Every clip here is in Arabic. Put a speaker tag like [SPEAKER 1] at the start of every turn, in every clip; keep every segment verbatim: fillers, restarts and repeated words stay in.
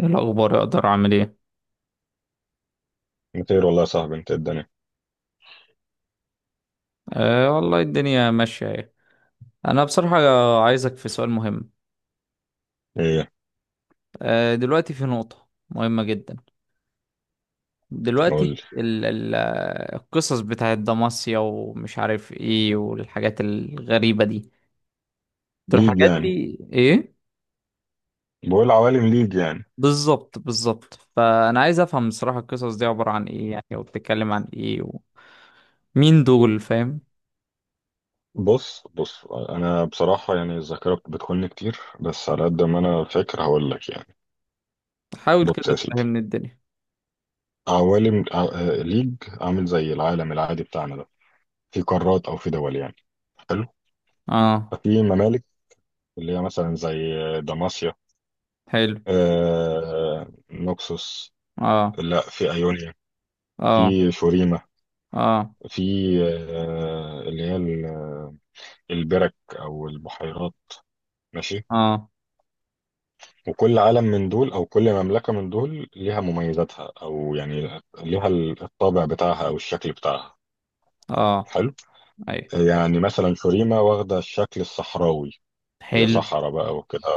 [SPEAKER 1] ايه الاخبار؟ اقدر اعمل ايه؟
[SPEAKER 2] مطير والله يا صاحبي انت الدنيا.
[SPEAKER 1] أه، والله الدنيا ماشيه اهي. انا بصراحه عايزك في سؤال مهم.
[SPEAKER 2] ايه؟
[SPEAKER 1] أه، دلوقتي في نقطه مهمه جدا.
[SPEAKER 2] قول
[SPEAKER 1] دلوقتي
[SPEAKER 2] لي.
[SPEAKER 1] ال ال القصص بتاعت دماسيا ومش عارف ايه، والحاجات الغريبه دي. طب
[SPEAKER 2] ليج
[SPEAKER 1] الحاجات
[SPEAKER 2] يعني؟
[SPEAKER 1] دي ايه؟
[SPEAKER 2] بقول عوالم ليج يعني.
[SPEAKER 1] بالظبط بالظبط، فانا عايز افهم بصراحه القصص دي عباره عن ايه يعني، وبتتكلم عن ايه؟ ومين دول، فاهم؟
[SPEAKER 2] بص بص انا بصراحة يعني الذاكرة بت- بتخوني كتير، بس على قد ما انا فاكر هقول لك يعني.
[SPEAKER 1] حاول
[SPEAKER 2] بص
[SPEAKER 1] كده
[SPEAKER 2] يا سيدي،
[SPEAKER 1] تفهمني الدنيا.
[SPEAKER 2] عوالم ع- آه، ليج عامل زي العالم العادي بتاعنا ده. في قارات او في دول يعني. حلو.
[SPEAKER 1] اه،
[SPEAKER 2] ففي ممالك اللي هي مثلا زي دماسيا،
[SPEAKER 1] حلو،
[SPEAKER 2] آه آه، نوكسوس،
[SPEAKER 1] اه،
[SPEAKER 2] لا، في ايونيا، في
[SPEAKER 1] اه،
[SPEAKER 2] شوريما،
[SPEAKER 1] اه،
[SPEAKER 2] في آه آه، اللي هي ال- آه، البرك او البحيرات. ماشي.
[SPEAKER 1] اه،
[SPEAKER 2] وكل عالم من دول او كل مملكة من دول ليها مميزاتها او يعني ليها الطابع بتاعها او الشكل بتاعها.
[SPEAKER 1] اه،
[SPEAKER 2] حلو.
[SPEAKER 1] ايوه،
[SPEAKER 2] يعني مثلا شوريما واخدة الشكل الصحراوي، هي
[SPEAKER 1] حلو.
[SPEAKER 2] صحراء بقى وكده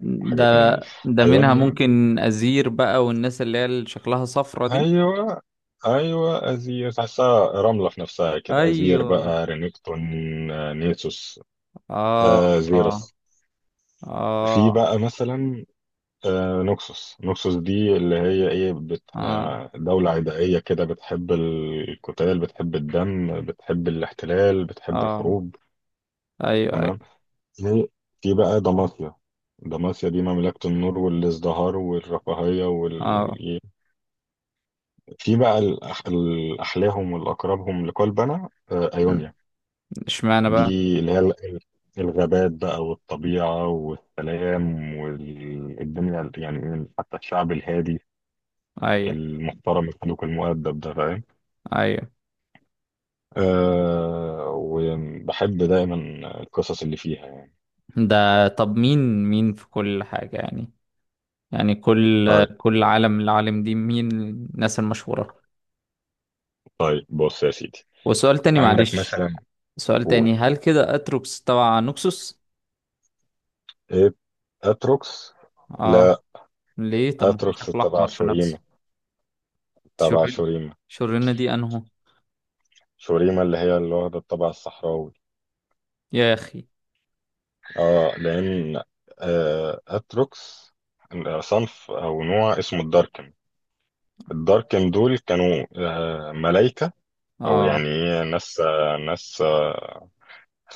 [SPEAKER 1] ده
[SPEAKER 2] وحاجات من دي.
[SPEAKER 1] ده منها
[SPEAKER 2] أيونيا.
[SPEAKER 1] ممكن أزير بقى، والناس اللي هي اللي شكلها صفرة دي.
[SPEAKER 2] أيوة. أيوة، أزير تحسها رملة في نفسها كده، أزير
[SPEAKER 1] ايوه،
[SPEAKER 2] بقى، رينكتون، آه، نيسوس،
[SPEAKER 1] اه،
[SPEAKER 2] آه
[SPEAKER 1] اه،
[SPEAKER 2] زيرس. في
[SPEAKER 1] اه،
[SPEAKER 2] بقى مثلا آه، نوكسوس. نوكسوس دي اللي هي ايه بت...
[SPEAKER 1] اه،
[SPEAKER 2] آه، دولة عدائية كده، بتحب القتال، بتحب الدم، بتحب الاحتلال، بتحب
[SPEAKER 1] اه،
[SPEAKER 2] الحروب.
[SPEAKER 1] ايوه،
[SPEAKER 2] تمام.
[SPEAKER 1] ايوه،
[SPEAKER 2] في في بقى دماسيا. دماسيا دي مملكة النور والازدهار والرفاهية
[SPEAKER 1] اه.
[SPEAKER 2] وال... في بقى الأح... الأحلاهم والأقربهم لقلبنا، آه،
[SPEAKER 1] مم.
[SPEAKER 2] أيونيا.
[SPEAKER 1] اشمعنى
[SPEAKER 2] دي
[SPEAKER 1] بقى؟
[SPEAKER 2] اللي هي ال- ال- الغابات بقى والطبيعة والسلام والدنيا، يعني حتى الشعب الهادي
[SPEAKER 1] ايوه،
[SPEAKER 2] المحترم الخلوق المؤدب ده، فاهم.
[SPEAKER 1] ايوه.
[SPEAKER 2] أه، وبحب دايما القصص اللي فيها يعني.
[SPEAKER 1] ده طب مين مين في كل حاجة يعني؟ يعني كل
[SPEAKER 2] طيب.
[SPEAKER 1] كل عالم، العالم دي مين الناس المشهورة؟
[SPEAKER 2] طيب بص يا سيدي،
[SPEAKER 1] وسؤال تاني
[SPEAKER 2] عندك
[SPEAKER 1] معلش.
[SPEAKER 2] مثلا.
[SPEAKER 1] سؤال
[SPEAKER 2] قول.
[SPEAKER 1] تاني، هل كده اتروكس تبع نوكسوس؟
[SPEAKER 2] ايه؟ اتروكس؟
[SPEAKER 1] اه.
[SPEAKER 2] لا،
[SPEAKER 1] ليه؟ طب ما هو
[SPEAKER 2] اتروكس
[SPEAKER 1] شكله
[SPEAKER 2] تبع
[SPEAKER 1] احمر في
[SPEAKER 2] شوريما،
[SPEAKER 1] نفسه.
[SPEAKER 2] تبع
[SPEAKER 1] شرين
[SPEAKER 2] شوريما.
[SPEAKER 1] شرينة دي انهو؟
[SPEAKER 2] شوريما اللي هي اللي واخدة الطابع الصحراوي.
[SPEAKER 1] يا اخي.
[SPEAKER 2] اه، لان آه اتروكس صنف او نوع اسمه الداركن. الداركن دول كانوا آه ملايكة، او يعني
[SPEAKER 1] اه،
[SPEAKER 2] إيه، ناس، آه ناس آه،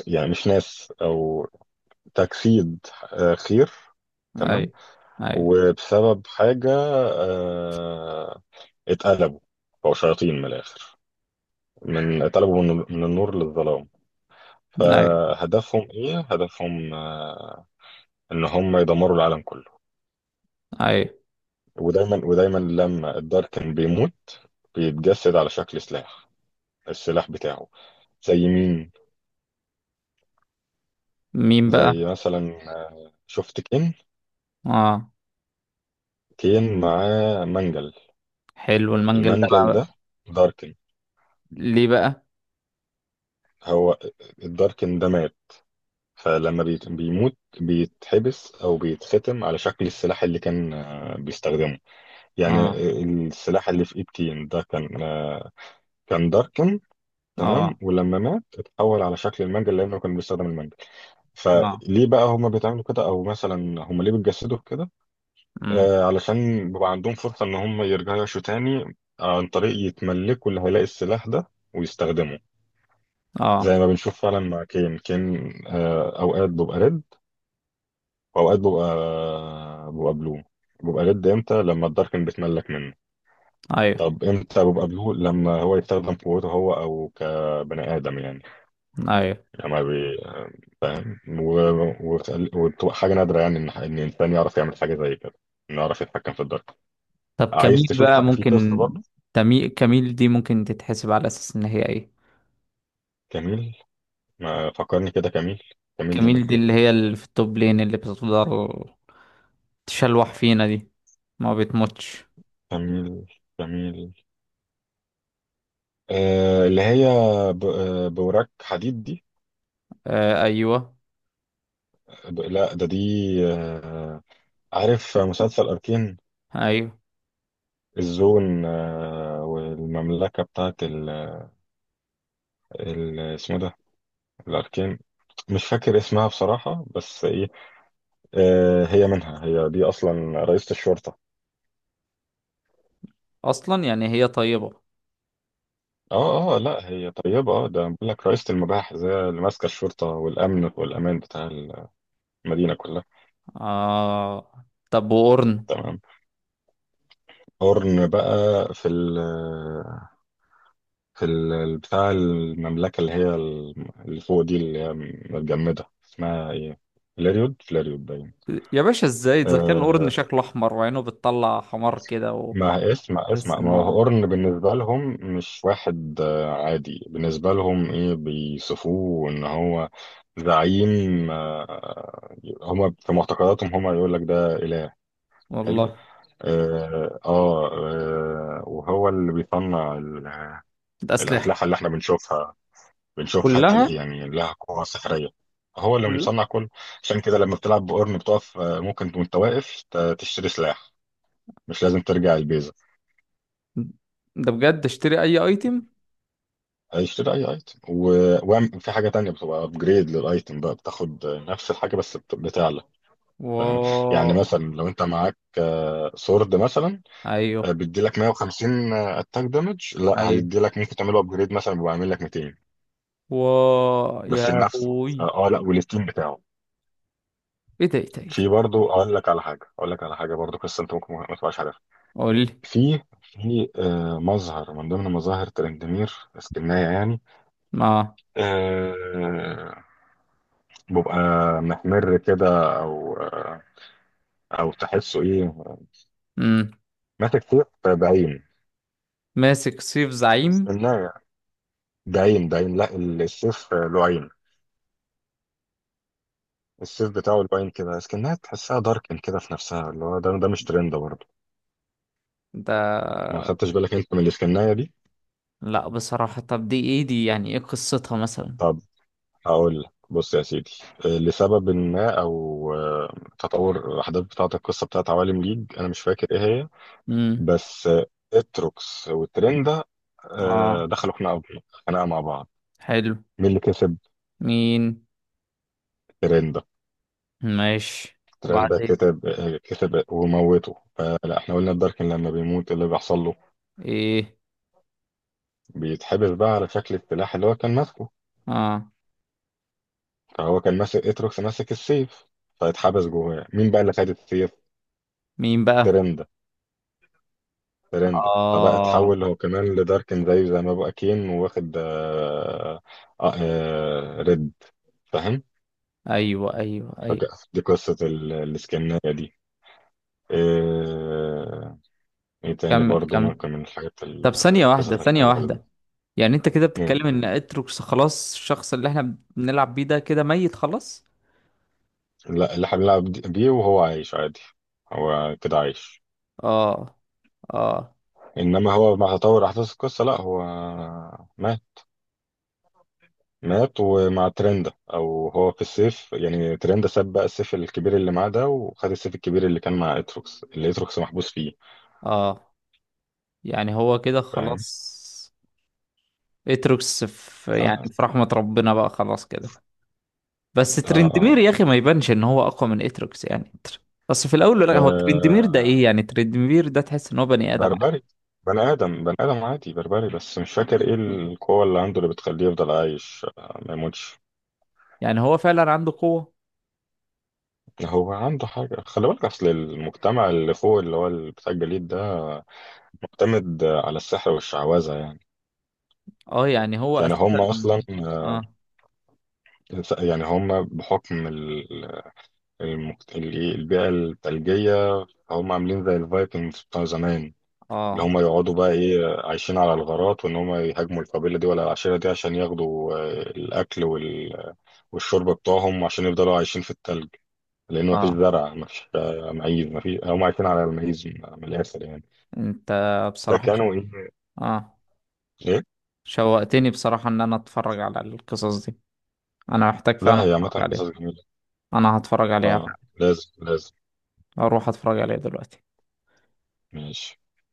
[SPEAKER 2] يعني مش ناس، او تجسيد، آه، خير.
[SPEAKER 1] اي،
[SPEAKER 2] تمام.
[SPEAKER 1] اي،
[SPEAKER 2] وبسبب حاجة آه، اتقلبوا، بقوا شياطين من الآخر. من اتقلبوا من من النور للظلام.
[SPEAKER 1] اي،
[SPEAKER 2] فهدفهم ايه؟ هدفهم آه، ان هم يدمروا العالم كله.
[SPEAKER 1] اي،
[SPEAKER 2] ودايما ودايما لما الداركن بيموت بيتجسد على شكل سلاح، السلاح بتاعه. زي مين؟
[SPEAKER 1] مين بقى؟
[SPEAKER 2] زي مثلا آه، شفت كين؟
[SPEAKER 1] اه،
[SPEAKER 2] كين معاه منجل.
[SPEAKER 1] حلو المنجل ده
[SPEAKER 2] المنجل ده
[SPEAKER 1] بقى.
[SPEAKER 2] داركن.
[SPEAKER 1] ليه بقى؟
[SPEAKER 2] هو الداركن ده مات، فلما بيت- بيموت بيتحبس او بيتختم على شكل السلاح اللي كان آه، بيستخدمه يعني.
[SPEAKER 1] اه،
[SPEAKER 2] السلاح اللي في ايد كين ده كان آه، كان داركن. تمام،
[SPEAKER 1] اه،
[SPEAKER 2] ولما مات اتحول على شكل المنجل لانه كان بيستخدم المنجل.
[SPEAKER 1] اه،
[SPEAKER 2] فليه بقى هما بيتعملوا كده، او مثلا هما ليه بيتجسدوا في كده؟
[SPEAKER 1] امم،
[SPEAKER 2] آه، علشان بيبقى عندهم فرصة ان هما يرجعوا يعيشوا تاني عن طريق يتملكوا اللي هيلاقي السلاح ده ويستخدمه.
[SPEAKER 1] اه،
[SPEAKER 2] زي ما بنشوف فعلا مع كين. كين آه، اوقات بيبقى ريد واوقات ببقى ببقى بلو. ببقى ريد امتى؟ لما الداركن بتملك منه.
[SPEAKER 1] ايوه،
[SPEAKER 2] طب امتى ببقى بلو؟ لما هو يستخدم قوته هو، او كبني ادم يعني.
[SPEAKER 1] ايوه.
[SPEAKER 2] لما بي... فاهم و... و... وبتبقى حاجه نادره يعني ان ان انسان يعرف يعمل حاجه زي كده، انه يعرف يتحكم في الدارك.
[SPEAKER 1] طب
[SPEAKER 2] عايز
[SPEAKER 1] كميل
[SPEAKER 2] تشوف
[SPEAKER 1] بقى
[SPEAKER 2] حق... في قصه
[SPEAKER 1] ممكن.
[SPEAKER 2] برضه؟
[SPEAKER 1] تمي... كميل دي ممكن تتحسب على اساس ان هي ايه؟
[SPEAKER 2] كميل، ما فكرني كده كميل. كميل دي
[SPEAKER 1] كميل
[SPEAKER 2] كانت
[SPEAKER 1] دي
[SPEAKER 2] ايه؟
[SPEAKER 1] اللي هي اللي في التوب لين، اللي بتقدر تشلوح فينا دي، ما بتموتش.
[SPEAKER 2] كميل كميل آه اللي هي ب... آه، بوراك حديد دي.
[SPEAKER 1] آه ايوه،
[SPEAKER 2] ب... لا، ده دي. آه، عارف مسلسل أركين؟
[SPEAKER 1] ايوه.
[SPEAKER 2] الزون آه، والمملكة بتاعت ال ال- اسمه ده، الأركين. مش فاكر اسمها بصراحة، بس إيه، آه، هي منها، هي دي أصلا رئيسة الشرطة.
[SPEAKER 1] اصلا يعني هي طيبة.
[SPEAKER 2] اه اه آه، لا، هي طيبة، اه، ده بقول لك رئيسة المباحث، هي اللي ماسكة الشرطة والأمن والأمان بتاع المدينة كلها.
[SPEAKER 1] آه، طب وقرن؟
[SPEAKER 2] تمام. هورن بقى. في ال في ال بتاع المملكة اللي هي ال- اللي فوق دي اللي هي متجمدة، اسمها ايه؟ فلاريود، فلاريود باين.
[SPEAKER 1] يا باشا، ازاي اذا كان قرن
[SPEAKER 2] آه،
[SPEAKER 1] شكله احمر، وعينه بتطلع حمار كده،
[SPEAKER 2] ما اسمع
[SPEAKER 1] وتحس
[SPEAKER 2] اسمع،
[SPEAKER 1] ان
[SPEAKER 2] ما
[SPEAKER 1] هو.
[SPEAKER 2] هو قرن بالنسبة لهم مش واحد آه، عادي بالنسبة لهم، ايه، بيصفوه ان هو زعيم آه، هما في معتقداتهم، هما يقول لك ده إله. حلو.
[SPEAKER 1] والله.
[SPEAKER 2] اه, آه آه، وهو اللي بيصنع ال-
[SPEAKER 1] ده اسلحه
[SPEAKER 2] الأسلحة اللي احنا بنشوفها. بنشوفها
[SPEAKER 1] كلها
[SPEAKER 2] تي- يعني لها قوة سحرية. هو اللي
[SPEAKER 1] كلها.
[SPEAKER 2] مصنع كل. عشان كده لما بتلعب بقرن بتقف آه، ممكن وانت واقف ت- تشتري سلاح، مش لازم ترجع البيز.
[SPEAKER 1] ده بجد اشتري اي ايتم.
[SPEAKER 2] هيشتري اي ايتم، و- وأعم- وفي حاجه تانية بتبقى ابجريد للايتم بقى، بتاخد نفس الحاجه بس بت- بتعلى. فاهم.
[SPEAKER 1] و
[SPEAKER 2] يعني مثلا لو انت معاك آه، سورد مثلا آه،
[SPEAKER 1] ايوه،
[SPEAKER 2] بيديلك مية وخمسين اتاك دامج، لا
[SPEAKER 1] ايوه.
[SPEAKER 2] هيديلك ممكن تعمله ابجريد مثلا بيبقى عامل لك ميتين.
[SPEAKER 1] و يا
[SPEAKER 2] بس لنفسه؟
[SPEAKER 1] ابوي،
[SPEAKER 2] اه، آه، لا، وللتيم بتاعه.
[SPEAKER 1] ايه ده، ايه ده، ايه
[SPEAKER 2] في
[SPEAKER 1] ده.
[SPEAKER 2] برضه اقول لك على حاجه، اقول لك على حاجه برضه، قصه انت ممكن ما تبقاش عارفها.
[SPEAKER 1] قول لي.
[SPEAKER 2] في في آه، مظهر من ضمن مظاهر ترندمير، اسكنايه يعني
[SPEAKER 1] ما
[SPEAKER 2] آه، بيبقى محمر كده، او او تحسه ايه،
[SPEAKER 1] امم
[SPEAKER 2] ماسك سيف بعين.
[SPEAKER 1] ماسك سيف زعيم.
[SPEAKER 2] اسكنها بعين بعين لا، السيف له عين. السيف بتاعه له عين كده، اسكنها تحسها داركن كده في نفسها، اللي هو ده ده مش ترند برضه؟
[SPEAKER 1] ده
[SPEAKER 2] ما خدتش بالك انت من الاسكنايه دي؟
[SPEAKER 1] لا بصراحه، طب دي ايه دي، يعني ايه قصتها مثلا؟
[SPEAKER 2] طب هقول لك، بص يا سيدي، لسبب ما او تطور الاحداث بتاعه القصه بتاعه عوالم ليج، انا مش فاكر ايه هي،
[SPEAKER 1] امم،
[SPEAKER 2] بس اتروكس والترند ده آه،
[SPEAKER 1] اه،
[SPEAKER 2] دخلوا خناقه، خناقه مع بعض.
[SPEAKER 1] حلو،
[SPEAKER 2] مين اللي كسب؟
[SPEAKER 1] مين؟
[SPEAKER 2] ترند.
[SPEAKER 1] ماشي،
[SPEAKER 2] ترند
[SPEAKER 1] وبعدين؟
[SPEAKER 2] كتب آه، كتب وموته. فلا احنا قلنا الداركن لما بيموت إيه اللي بيحصل له،
[SPEAKER 1] ايه؟
[SPEAKER 2] بيتحبس بقى على شكل السلاح اللي هو كان ماسكه.
[SPEAKER 1] اه،
[SPEAKER 2] فهو كان ماسك، اتروكس ماسك السيف، فاتحبس جواه. مين بقى اللي خد السيف؟
[SPEAKER 1] مين بقى؟
[SPEAKER 2] ترند. ترند فبقى
[SPEAKER 1] اه،
[SPEAKER 2] اتحول هو كمان لداركن، زيه زي ما بقى كين واخد آه آه آه ريد. فاهم.
[SPEAKER 1] ايوه، ايوه، ايوه،
[SPEAKER 2] فجأة دي قصة ال- الاسكناية دي. آه، ايه تاني
[SPEAKER 1] كمل
[SPEAKER 2] برضو
[SPEAKER 1] كمل.
[SPEAKER 2] ممكن من الحاجات ال-
[SPEAKER 1] طب ثانية واحدة،
[SPEAKER 2] القصص
[SPEAKER 1] ثانية
[SPEAKER 2] الحلوة.
[SPEAKER 1] واحدة. يعني انت كده بتتكلم ان اتروكس خلاص، الشخص اللي احنا بنلعب بيه ده كده ميت خلاص؟
[SPEAKER 2] لا، اللي هنلعب دي- بيه وهو عايش عادي، هو كده عايش.
[SPEAKER 1] اه، اه،
[SPEAKER 2] انما هو مع تطور احداث القصه لا، هو مات. مات، ومع ترند، او هو في السيف يعني، ترند ساب بقى السيف الكبير اللي معاه ده وخد السيف الكبير اللي كان مع اتروكس، اللي اتروكس محبوس فيه.
[SPEAKER 1] اه. يعني هو كده
[SPEAKER 2] فاهم.
[SPEAKER 1] خلاص؟ اتروكس في يعني
[SPEAKER 2] اه،
[SPEAKER 1] في رحمة ربنا بقى خلاص كده؟ بس
[SPEAKER 2] اه, آه.
[SPEAKER 1] ترندمير يا اخي ما يبانش ان هو اقوى من اتروكس، يعني تر- بس في الاول،
[SPEAKER 2] آه
[SPEAKER 1] لا هو ترندمير ده ايه
[SPEAKER 2] آه،
[SPEAKER 1] يعني؟ ترندمير ده تحس ان هو بني ادم.
[SPEAKER 2] بربري. بني ادم، بني ادم عادي بربري، بس مش فاكر ايه القوه اللي عنده اللي بتخليه يفضل عايش آه ما يموتش.
[SPEAKER 1] يعني هو فعلا عنده قوة؟
[SPEAKER 2] هو عنده حاجة، خلي بالك أصل المجتمع اللي فوق اللي هو اللي بتاع الجليد ده معتمد على السحر والشعوذة يعني.
[SPEAKER 1] اه، يعني هو
[SPEAKER 2] يعني
[SPEAKER 1] اساسا.
[SPEAKER 2] هم أصلا آه،
[SPEAKER 1] اه،
[SPEAKER 2] يعني هم بحكم ال- المجت- ال- إيه، البيئة الثلجية، هم عاملين زي الفايكنجز بتاع زمان، اللي
[SPEAKER 1] اه،
[SPEAKER 2] هم يقعدوا بقى إيه عايشين على الغارات، وإن هم يهاجموا القبيلة دي ولا العشيرة دي عشان ياخدوا آه، الأكل وال- والشرب بتوعهم عشان يفضلوا عايشين في الثلج. لأن مفيش
[SPEAKER 1] اه.
[SPEAKER 2] زرع، مفيش آه، معيز، مفيش، هم عايشين على المعيز من من الآخر يعني.
[SPEAKER 1] انت بصراحة شو-
[SPEAKER 2] فكانوا ايه.
[SPEAKER 1] اه،
[SPEAKER 2] ايه.
[SPEAKER 1] شوقتني بصراحة ان انا اتفرج على القصص دي. انا محتاج فعلا
[SPEAKER 2] لا هي عامة
[SPEAKER 1] اتفرج
[SPEAKER 2] قصص
[SPEAKER 1] عليها.
[SPEAKER 2] جميلة.
[SPEAKER 1] انا هتفرج عليها
[SPEAKER 2] اه
[SPEAKER 1] فعلا.
[SPEAKER 2] لازم لازم.
[SPEAKER 1] اروح اتفرج عليها دلوقتي.
[SPEAKER 2] ماشي.